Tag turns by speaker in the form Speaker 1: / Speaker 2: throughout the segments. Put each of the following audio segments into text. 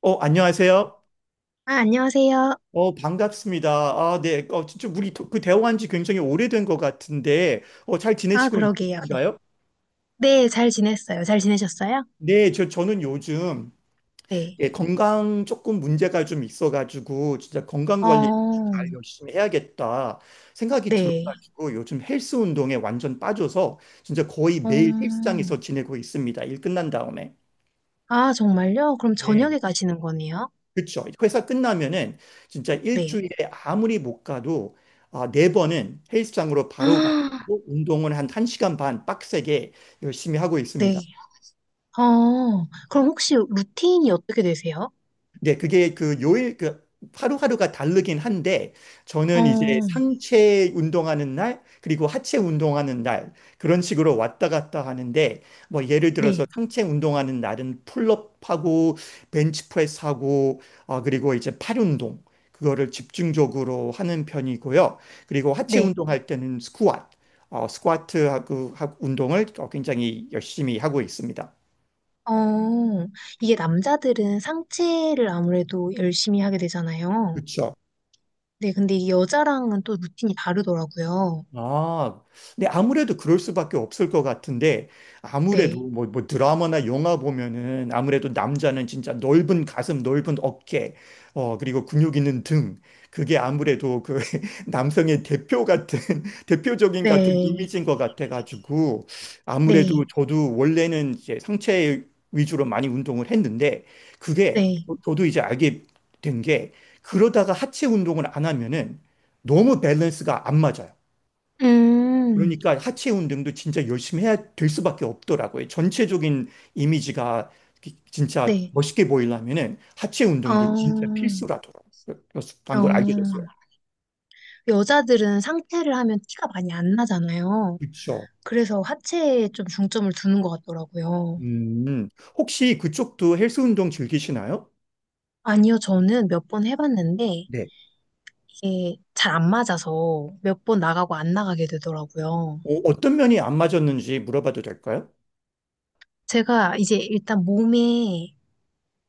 Speaker 1: 안녕하세요.
Speaker 2: 아, 안녕하세요.
Speaker 1: 반갑습니다. 아, 네. 진짜 우리 대화한 지 굉장히 오래된 것 같은데, 잘
Speaker 2: 아,
Speaker 1: 지내시고
Speaker 2: 그러게요. 네.
Speaker 1: 있으신가요?
Speaker 2: 네, 잘 지냈어요. 잘 지내셨어요?
Speaker 1: 네, 저는 요즘
Speaker 2: 네.
Speaker 1: 예, 건강 조금 문제가 좀 있어가지고, 진짜 건강 관리
Speaker 2: 어,
Speaker 1: 잘 열심히 해야겠다 생각이
Speaker 2: 네.
Speaker 1: 들어가지고, 요즘 헬스 운동에 완전 빠져서, 진짜 거의 매일
Speaker 2: 어,
Speaker 1: 헬스장에서 지내고 있습니다. 일 끝난 다음에.
Speaker 2: 아, 정말요? 그럼
Speaker 1: 네.
Speaker 2: 저녁에 가시는 거네요?
Speaker 1: 그렇죠. 회사 끝나면은 진짜
Speaker 2: 네.
Speaker 1: 일주일에 아무리 못 가도 아, 네 번은 헬스장으로 바로
Speaker 2: 아,
Speaker 1: 가고 운동은 한 1시간 반 빡세게 열심히 하고 있습니다.
Speaker 2: 네. 그럼 혹시 루틴이 어떻게 되세요?
Speaker 1: 네, 그게 그 요일, 그 하루하루가 다르긴 한데, 저는 이제
Speaker 2: 어,
Speaker 1: 상체 운동하는 날, 그리고 하체 운동하는 날, 그런 식으로 왔다 갔다 하는데, 뭐 예를 들어서
Speaker 2: 네.
Speaker 1: 상체 운동하는 날은 풀업하고, 벤치프레스하고, 그리고 이제 팔 운동, 그거를 집중적으로 하는 편이고요. 그리고 하체
Speaker 2: 네.
Speaker 1: 운동할 때는 스쿼트, 스쿼트하고 운동을 굉장히 열심히 하고 있습니다.
Speaker 2: 어, 이게 남자들은 상체를 아무래도 열심히 하게 되잖아요.
Speaker 1: 그렇죠.
Speaker 2: 네, 근데 이게 여자랑은 또 루틴이 다르더라고요.
Speaker 1: 아, 근데 아무래도 그럴 수밖에 없을 것 같은데, 아무래도
Speaker 2: 네.
Speaker 1: 뭐 드라마나 영화 보면은 아무래도 남자는 진짜 넓은 가슴, 넓은 어깨, 그리고 근육 있는 등, 그게 아무래도 그 남성의 대표 같은, 대표적인 같은
Speaker 2: 네.
Speaker 1: 이미지인 것 같아가지고, 아무래도
Speaker 2: 네.
Speaker 1: 저도 원래는 이제 상체 위주로 많이 운동을 했는데, 그게
Speaker 2: 네.
Speaker 1: 저도 이제 알게 된 게, 그러다가 하체 운동을 안 하면은 너무 밸런스가 안 맞아요.
Speaker 2: 음,
Speaker 1: 그러니까 하체 운동도 진짜 열심히 해야 될 수밖에 없더라고요. 전체적인 이미지가 진짜
Speaker 2: 네.
Speaker 1: 멋있게 보이려면은 하체 운동도
Speaker 2: 어,
Speaker 1: 진짜 필수라더라고요
Speaker 2: 어.
Speaker 1: 걸 알게 됐어요.
Speaker 2: 여자들은 상체를 하면 티가 많이 안 나잖아요.
Speaker 1: 그렇죠.
Speaker 2: 그래서 하체에 좀 중점을 두는 것 같더라고요.
Speaker 1: 음, 혹시 그쪽도 헬스 운동 즐기시나요?
Speaker 2: 아니요, 저는 몇 번 해봤는데
Speaker 1: 네.
Speaker 2: 이게 잘 안 맞아서 몇 번 나가고 안 나가게 되더라고요.
Speaker 1: 어떤 면이 안 맞았는지 물어봐도 될까요?
Speaker 2: 제가 이제 일단 몸에,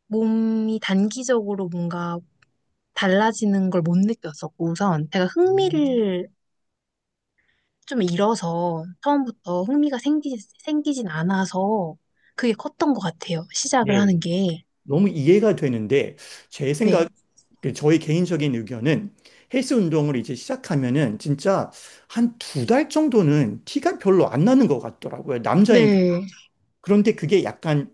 Speaker 2: 몸이 단기적으로 뭔가 달라지는 걸 못 느꼈었고 우선 제가
Speaker 1: 음.
Speaker 2: 흥미를 좀 잃어서 처음부터 흥미가 생기진 않아서 그게 컸던 것 같아요. 시작을
Speaker 1: 네.
Speaker 2: 하는 게.
Speaker 1: 너무 이해가 되는데 제 생각
Speaker 2: 네.
Speaker 1: 그 저희 개인적인 의견은 헬스 운동을 이제 시작하면은 진짜 한 두 달 정도는 티가 별로 안 나는 것 같더라고요. 남자인. 그
Speaker 2: 네.
Speaker 1: 그런데 그게 약간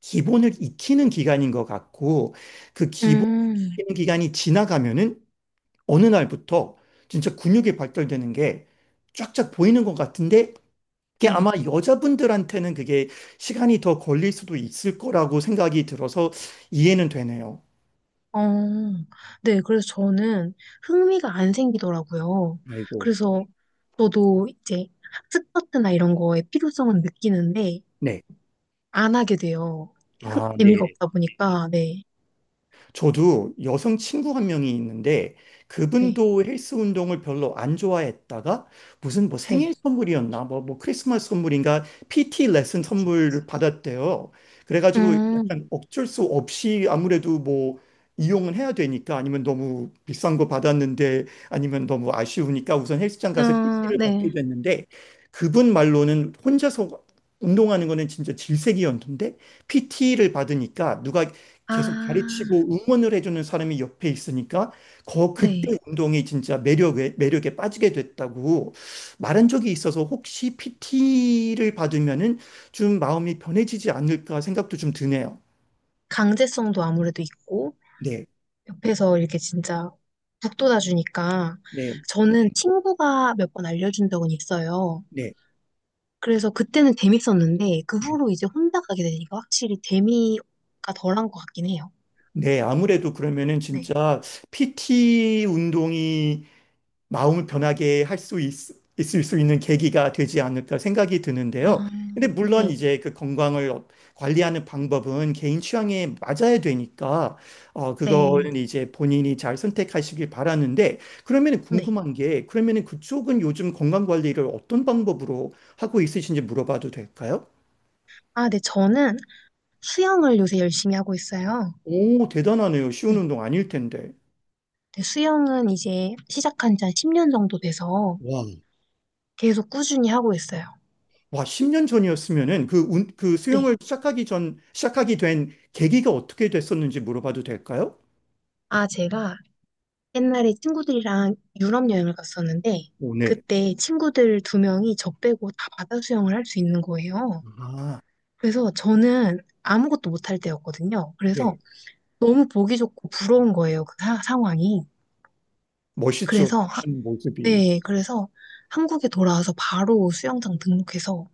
Speaker 1: 기본을 익히는 기간인 것 같고 그 기본
Speaker 2: 음,
Speaker 1: 기간이 지나가면은 어느 날부터 진짜 근육이 발달되는 게 쫙쫙 보이는 것 같은데 그게 아마
Speaker 2: 네.
Speaker 1: 여자분들한테는 그게 시간이 더 걸릴 수도 있을 거라고 생각이 들어서 이해는 되네요.
Speaker 2: 어, 네. 그래서 저는 흥미가 안 생기더라고요.
Speaker 1: 아이고.
Speaker 2: 그래서 저도 이제 학습 파트나 이런 거에 필요성은 느끼는데
Speaker 1: 네.
Speaker 2: 안 하게 돼요.
Speaker 1: 아,
Speaker 2: 재미가
Speaker 1: 네.
Speaker 2: 없다 보니까. 네.
Speaker 1: 저도 여성 친구 한 명이 있는데
Speaker 2: 네.
Speaker 1: 그분도 헬스 운동을 별로 안 좋아했다가 무슨 뭐 생일
Speaker 2: 네.
Speaker 1: 선물이었나 뭐 크리스마스 선물인가 PT 레슨 선물을 받았대요. 그래가지고
Speaker 2: 음,
Speaker 1: 약간 어쩔 수 없이 아무래도 뭐 이용은 해야 되니까 아니면 너무 비싼 거 받았는데 아니면 너무 아쉬우니까 우선 헬스장 가서
Speaker 2: 아,
Speaker 1: PT를 받게
Speaker 2: 네.
Speaker 1: 됐는데 그분 말로는 혼자서 운동하는 거는 진짜 질색이었는데 PT를 받으니까 누가 계속 가르치고
Speaker 2: 아,
Speaker 1: 응원을 해주는 사람이 옆에 있으니까 거
Speaker 2: 네.
Speaker 1: 그때 운동이 진짜 매력에 매력에 빠지게 됐다고 말한 적이 있어서 혹시 PT를 받으면은 좀 마음이 변해지지 않을까 생각도 좀 드네요.
Speaker 2: 강제성도 아무래도 있고,
Speaker 1: 네,
Speaker 2: 옆에서 이렇게 진짜 북돋아주니까,
Speaker 1: 네,
Speaker 2: 저는 친구가 몇 번 알려준 적은 있어요.
Speaker 1: 네.
Speaker 2: 그래서 그때는 재밌었는데, 그 후로 이제 혼자 가게 되니까 확실히 재미가 덜한 것 같긴 해요.
Speaker 1: 네, 아무래도 그러면은
Speaker 2: 네.
Speaker 1: 진짜 PT 운동이 마음을 변하게 할 수 있을 수 있는 계기가 되지 않을까 생각이 드는데요.
Speaker 2: 아,
Speaker 1: 근데 물론
Speaker 2: 네,
Speaker 1: 이제 그 건강을 관리하는 방법은 개인 취향에 맞아야 되니까
Speaker 2: 네,
Speaker 1: 그거는 이제 본인이 잘 선택하시길 바라는데 그러면은
Speaker 2: 네.
Speaker 1: 궁금한 게 그러면은 그쪽은 요즘 건강 관리를 어떤 방법으로 하고 있으신지 물어봐도 될까요?
Speaker 2: 아, 네, 저는 수영을 요새 열심히 하고 있어요.
Speaker 1: 오, 대단하네요. 쉬운
Speaker 2: 네.
Speaker 1: 운동 아닐 텐데.
Speaker 2: 네, 수영은 이제 시작한 지 한 10년 정도 돼서
Speaker 1: 와.
Speaker 2: 계속 꾸준히 하고 있어요.
Speaker 1: 와, 10년 전이었으면은 그
Speaker 2: 네.
Speaker 1: 수영을 시작하기 전, 시작하게 된 계기가 어떻게 됐었는지 물어봐도 될까요?
Speaker 2: 아, 제가 옛날에 친구들이랑 유럽 여행을 갔었는데
Speaker 1: 오, 네.
Speaker 2: 그때 친구들 두 명이 저 빼고 다 바다 수영을 할 수 있는 거예요.
Speaker 1: 아,
Speaker 2: 그래서 저는 아무것도 못할 때였거든요. 그래서
Speaker 1: 네.
Speaker 2: 너무 보기 좋고 부러운 거예요. 그 상황이.
Speaker 1: 멋있죠.
Speaker 2: 그래서 하-
Speaker 1: 그런 모습이.
Speaker 2: 네, 그래서 한국에 돌아와서 바로 수영장 등록해서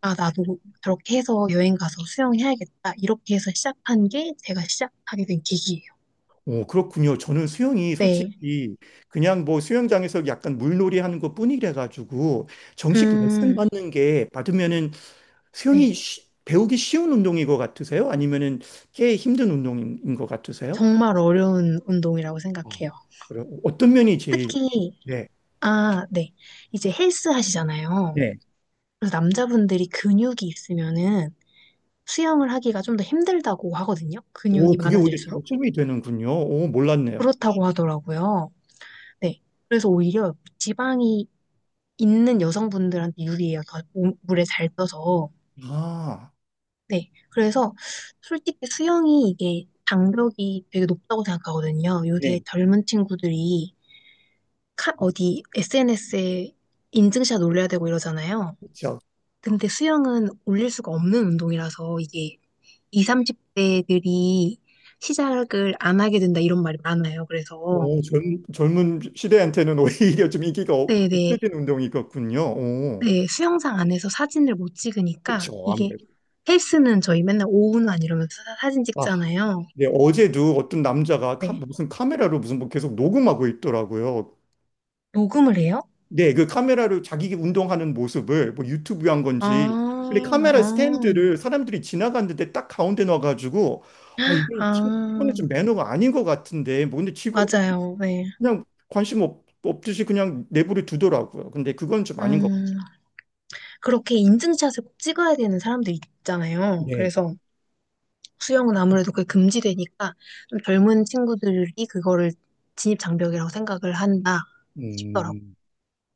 Speaker 2: 아, 나도 저렇게 해서 여행 가서 수영해야겠다. 이렇게 해서 시작한 게 제가 시작하게 된 계기예요.
Speaker 1: 오, 그렇군요. 저는 수영이
Speaker 2: 네.
Speaker 1: 솔직히 그냥 뭐 수영장에서 약간 물놀이 하는 것뿐이라 가지고 정식 레슨
Speaker 2: 음,
Speaker 1: 받는 게 받으면은 수영이
Speaker 2: 네.
Speaker 1: 배우기 쉬운 운동인 것 같으세요? 아니면은 꽤 힘든 운동인 것 같으세요?
Speaker 2: 정말 어려운 운동이라고
Speaker 1: 어,
Speaker 2: 생각해요.
Speaker 1: 그럼 어떤 면이 제일
Speaker 2: 특히,
Speaker 1: 네.
Speaker 2: 아, 네. 이제 헬스 하시잖아요.
Speaker 1: 네.
Speaker 2: 그래서 남자분들이 근육이 있으면은 수영을 하기가 좀 더 힘들다고 하거든요. 근육이
Speaker 1: 오, 그게 오히려
Speaker 2: 많아질수록.
Speaker 1: 장점이 되는군요. 오, 몰랐네요.
Speaker 2: 그렇다고 하더라고요. 네. 그래서 오히려 지방이 있는 여성분들한테 유리해요. 더 물에 잘 떠서.
Speaker 1: 음. 아,
Speaker 2: 네. 그래서 솔직히 수영이 이게 장벽이 되게 높다고 생각하거든요. 요새
Speaker 1: 네.
Speaker 2: 젊은 친구들이 어디 SNS에 인증샷 올려야 되고 이러잖아요.
Speaker 1: 그렇죠.
Speaker 2: 근데 수영은 올릴 수가 없는 운동이라서 이게 20, 30대들이 시작을 안 하게 된다 이런 말이 많아요. 그래서
Speaker 1: 오, 젊은 시대한테는 오히려 좀 인기가
Speaker 2: 네네
Speaker 1: 없어진 운동이겠군요. 오,
Speaker 2: 네, 수영장 안에서 사진을 못
Speaker 1: 그
Speaker 2: 찍으니까
Speaker 1: 죠
Speaker 2: 이게
Speaker 1: 아무래도.
Speaker 2: 헬스는 저희 맨날 오후만 이러면서 사진
Speaker 1: 아,
Speaker 2: 찍잖아요.
Speaker 1: 네, 어제도 어떤 남자가
Speaker 2: 네.
Speaker 1: 무슨 카메라로 무슨 뭐 계속 녹음하고 있더라고요.
Speaker 2: 녹음을 해요?
Speaker 1: 네, 그 카메라로 자기 운동하는 모습을 뭐 유튜브 한 건지.
Speaker 2: 아,
Speaker 1: 근데 카메라
Speaker 2: 아,
Speaker 1: 스탠드를 사람들이 지나갔는데 딱 가운데 놔가지고, 이거는
Speaker 2: 아,
Speaker 1: 좀 매너가 아닌 것 같은데, 뭐 근데 직원들
Speaker 2: 맞아요. 네.
Speaker 1: 그냥 관심 없듯이 그냥 내버려 두더라고요. 근데 그건 좀 아닌 것 같아
Speaker 2: 음, 그렇게 인증샷을 꼭 찍어야 되는 사람들 있잖아요.
Speaker 1: 요
Speaker 2: 그래서 수영은 아무래도 그게 금지되니까 좀 젊은 친구들이 그거를 진입 장벽이라고 생각을 한다 싶더라고.
Speaker 1: 음,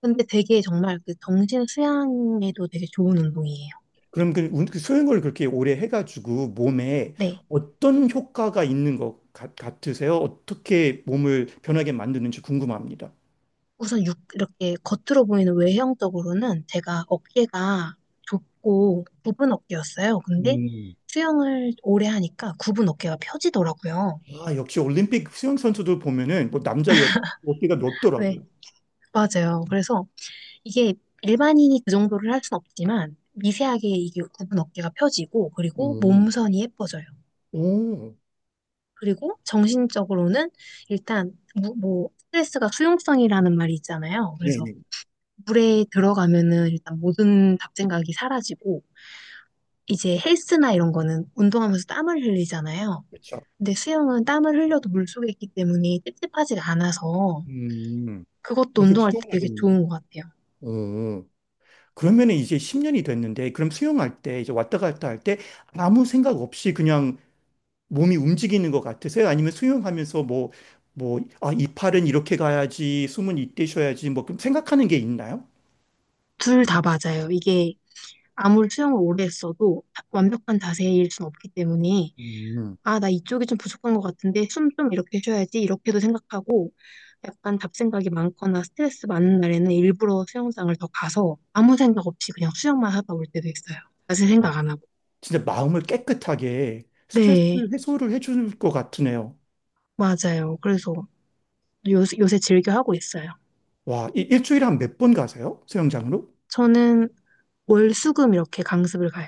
Speaker 2: 근데 되게 정말 그 정신 수양에도 되게 좋은 운동이에요.
Speaker 1: 그럼 그 수영을 그렇게 오래 해가지고 몸에
Speaker 2: 네.
Speaker 1: 어떤 효과가 있는 것 같으세요? 어떻게 몸을 변하게 만드는지 궁금합니다.
Speaker 2: 우선 육, 이렇게 겉으로 보이는 외형적으로는 제가 어깨가 좁고 굽은 어깨였어요. 근데
Speaker 1: 음,
Speaker 2: 수영을 오래 하니까 굽은 어깨가 펴지더라고요.
Speaker 1: 아, 역시 올림픽 수영 선수들 보면은 뭐 남자, 여자 어깨가
Speaker 2: 네,
Speaker 1: 넓더라고요.
Speaker 2: 맞아요. 그래서 이게 일반인이 그 정도를 할 순 없지만 미세하게 이게 굽은 어깨가 펴지고 그리고
Speaker 1: 음,
Speaker 2: 몸선이 예뻐져요.
Speaker 1: 오,
Speaker 2: 그리고 정신적으로는 일단 뭐 스트레스가 수용성이라는 말이 있잖아요. 그래서
Speaker 1: 네네.
Speaker 2: 물에 들어가면은 일단 모든 잡생각이 사라지고 이제 헬스나 이런 거는 운동하면서 땀을 흘리잖아요.
Speaker 1: 그렇죠.
Speaker 2: 근데 수영은 땀을 흘려도 물속에 있기 때문에 찝찝하지가 않아서
Speaker 1: 음,
Speaker 2: 그것도
Speaker 1: 계속
Speaker 2: 운동할 때 되게
Speaker 1: 시원하겠네요.
Speaker 2: 좋은 것 같아요.
Speaker 1: 오. 그러면 이제 10년이 됐는데, 그럼 수영할 때, 이제 왔다 갔다 할 때 아무 생각 없이 그냥 몸이 움직이는 것 같으세요? 아니면 수영하면서 뭐, 아, 이 팔은 이렇게 가야지, 숨은 이때 쉬어야지, 뭐, 그럼 생각하는 게 있나요?
Speaker 2: 둘 다 맞아요. 이게 아무리 수영을 오래 했어도 완벽한 자세일 순 없기 때문에
Speaker 1: 음,
Speaker 2: 아, 나 이쪽이 좀 부족한 것 같은데 숨 좀 이렇게 쉬어야지 이렇게도 생각하고 약간 잡생각이 많거나 스트레스 많은 날에는 일부러 수영장을 더 가서 아무 생각 없이 그냥 수영만 하다 올 때도 있어요. 자세 생각
Speaker 1: 와,
Speaker 2: 안 하고.
Speaker 1: 진짜 마음을 깨끗하게 스트레스
Speaker 2: 네,
Speaker 1: 해소를 해줄 것 같으네요.
Speaker 2: 맞아요. 그래서 요새 즐겨 하고 있어요.
Speaker 1: 와, 일주일에 한 몇 번 가세요? 수영장으로?
Speaker 2: 저는 월수금 이렇게 강습을 가요.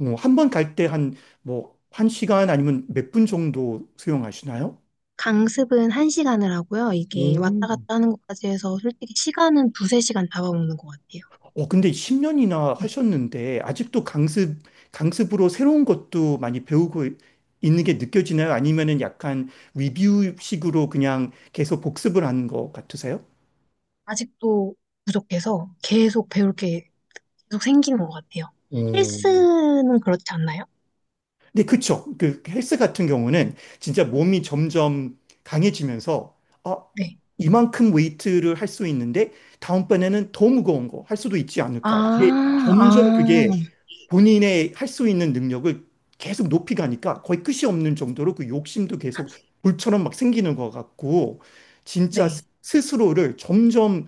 Speaker 1: 한번 갈 때 한, 뭐, 한 시간 아니면 몇 분 정도 수영하시나요?
Speaker 2: 강습은 한시간을 하고요. 이게
Speaker 1: 오.
Speaker 2: 왔다 갔다 하는 것까지 해서 솔직히 시간은 두세 시간 잡아먹는 것 같아요.
Speaker 1: 근데 10년이나
Speaker 2: 네.
Speaker 1: 하셨는데 아직도 강습으로 새로운 것도 많이 배우고 있는 게 느껴지나요? 아니면은 약간 리뷰식으로 그냥 계속 복습을 하는 것 같으세요?
Speaker 2: 아직도 부족해서 계속 배울 게 계속 생기는 것 같아요.
Speaker 1: 어,
Speaker 2: 헬스는 그렇지 않나요?
Speaker 1: 네, 그쵸. 그 헬스 같은 경우는 진짜 몸이 점점 강해지면서, 아,
Speaker 2: 네,
Speaker 1: 이만큼 웨이트를 할 수 있는데, 다음번에는 더 무거운 거 할 수도 있지 않을까. 그게
Speaker 2: 아,
Speaker 1: 점점
Speaker 2: 아,
Speaker 1: 그게 본인의 할 수 있는 능력을 계속 높이 가니까 거의 끝이 없는 정도로 그 욕심도 계속 불처럼 막 생기는 것 같고, 진짜
Speaker 2: 네,
Speaker 1: 스스로를 점점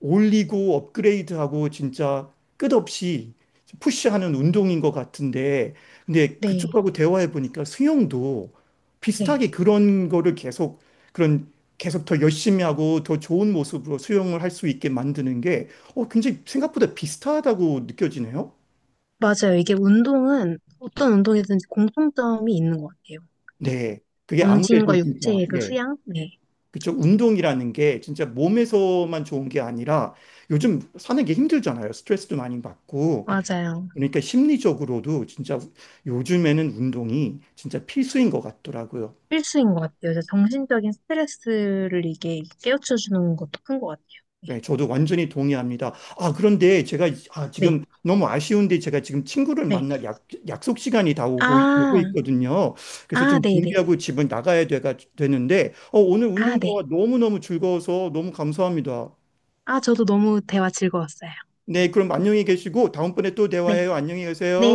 Speaker 1: 올리고 업그레이드하고 진짜 끝없이 푸시하는 운동인 것 같은데, 근데
Speaker 2: 네,
Speaker 1: 그쪽하고 대화해 보니까 수영도
Speaker 2: 네,
Speaker 1: 비슷하게 그런 거를 계속 그런 계속 더 열심히 하고 더 좋은 모습으로 수영을 할 수 있게 만드는 게 굉장히 생각보다 비슷하다고 느껴지네요.
Speaker 2: 맞아요. 이게 운동은 어떤 운동이든지 공통점이 있는 것 같아요.
Speaker 1: 네, 그게 아무래도
Speaker 2: 정신과
Speaker 1: 진짜
Speaker 2: 육체의 그
Speaker 1: 네.
Speaker 2: 수양? 네,
Speaker 1: 그쵸. 운동이라는 게 진짜 몸에서만 좋은 게 아니라 요즘 사는 게 힘들잖아요. 스트레스도 많이 받고.
Speaker 2: 맞아요.
Speaker 1: 그러니까 심리적으로도 진짜 요즘에는 운동이 진짜 필수인 것 같더라고요.
Speaker 2: 필수인 것 같아요. 이제 정신적인 스트레스를 이게 깨우쳐주는 것도 큰 것 같아요. 네,
Speaker 1: 네, 저도 완전히 동의합니다. 아, 그런데 제가
Speaker 2: 네,
Speaker 1: 지금 너무 아쉬운데 제가 지금 친구를
Speaker 2: 네.
Speaker 1: 만날 약속 시간이 다 오고
Speaker 2: 아,
Speaker 1: 있거든요. 그래서
Speaker 2: 아,
Speaker 1: 좀
Speaker 2: 네네.
Speaker 1: 준비하고 집에 나가야 되는데 오늘
Speaker 2: 아,
Speaker 1: 운동 대화
Speaker 2: 네.
Speaker 1: 너무너무 즐거워서 너무 감사합니다.
Speaker 2: 아, 저도 너무 대화 즐거웠어요.
Speaker 1: 네,
Speaker 2: 네.
Speaker 1: 그럼 안녕히 계시고 다음번에 또
Speaker 2: 네,
Speaker 1: 대화해요. 안녕히
Speaker 2: 네,
Speaker 1: 계세요.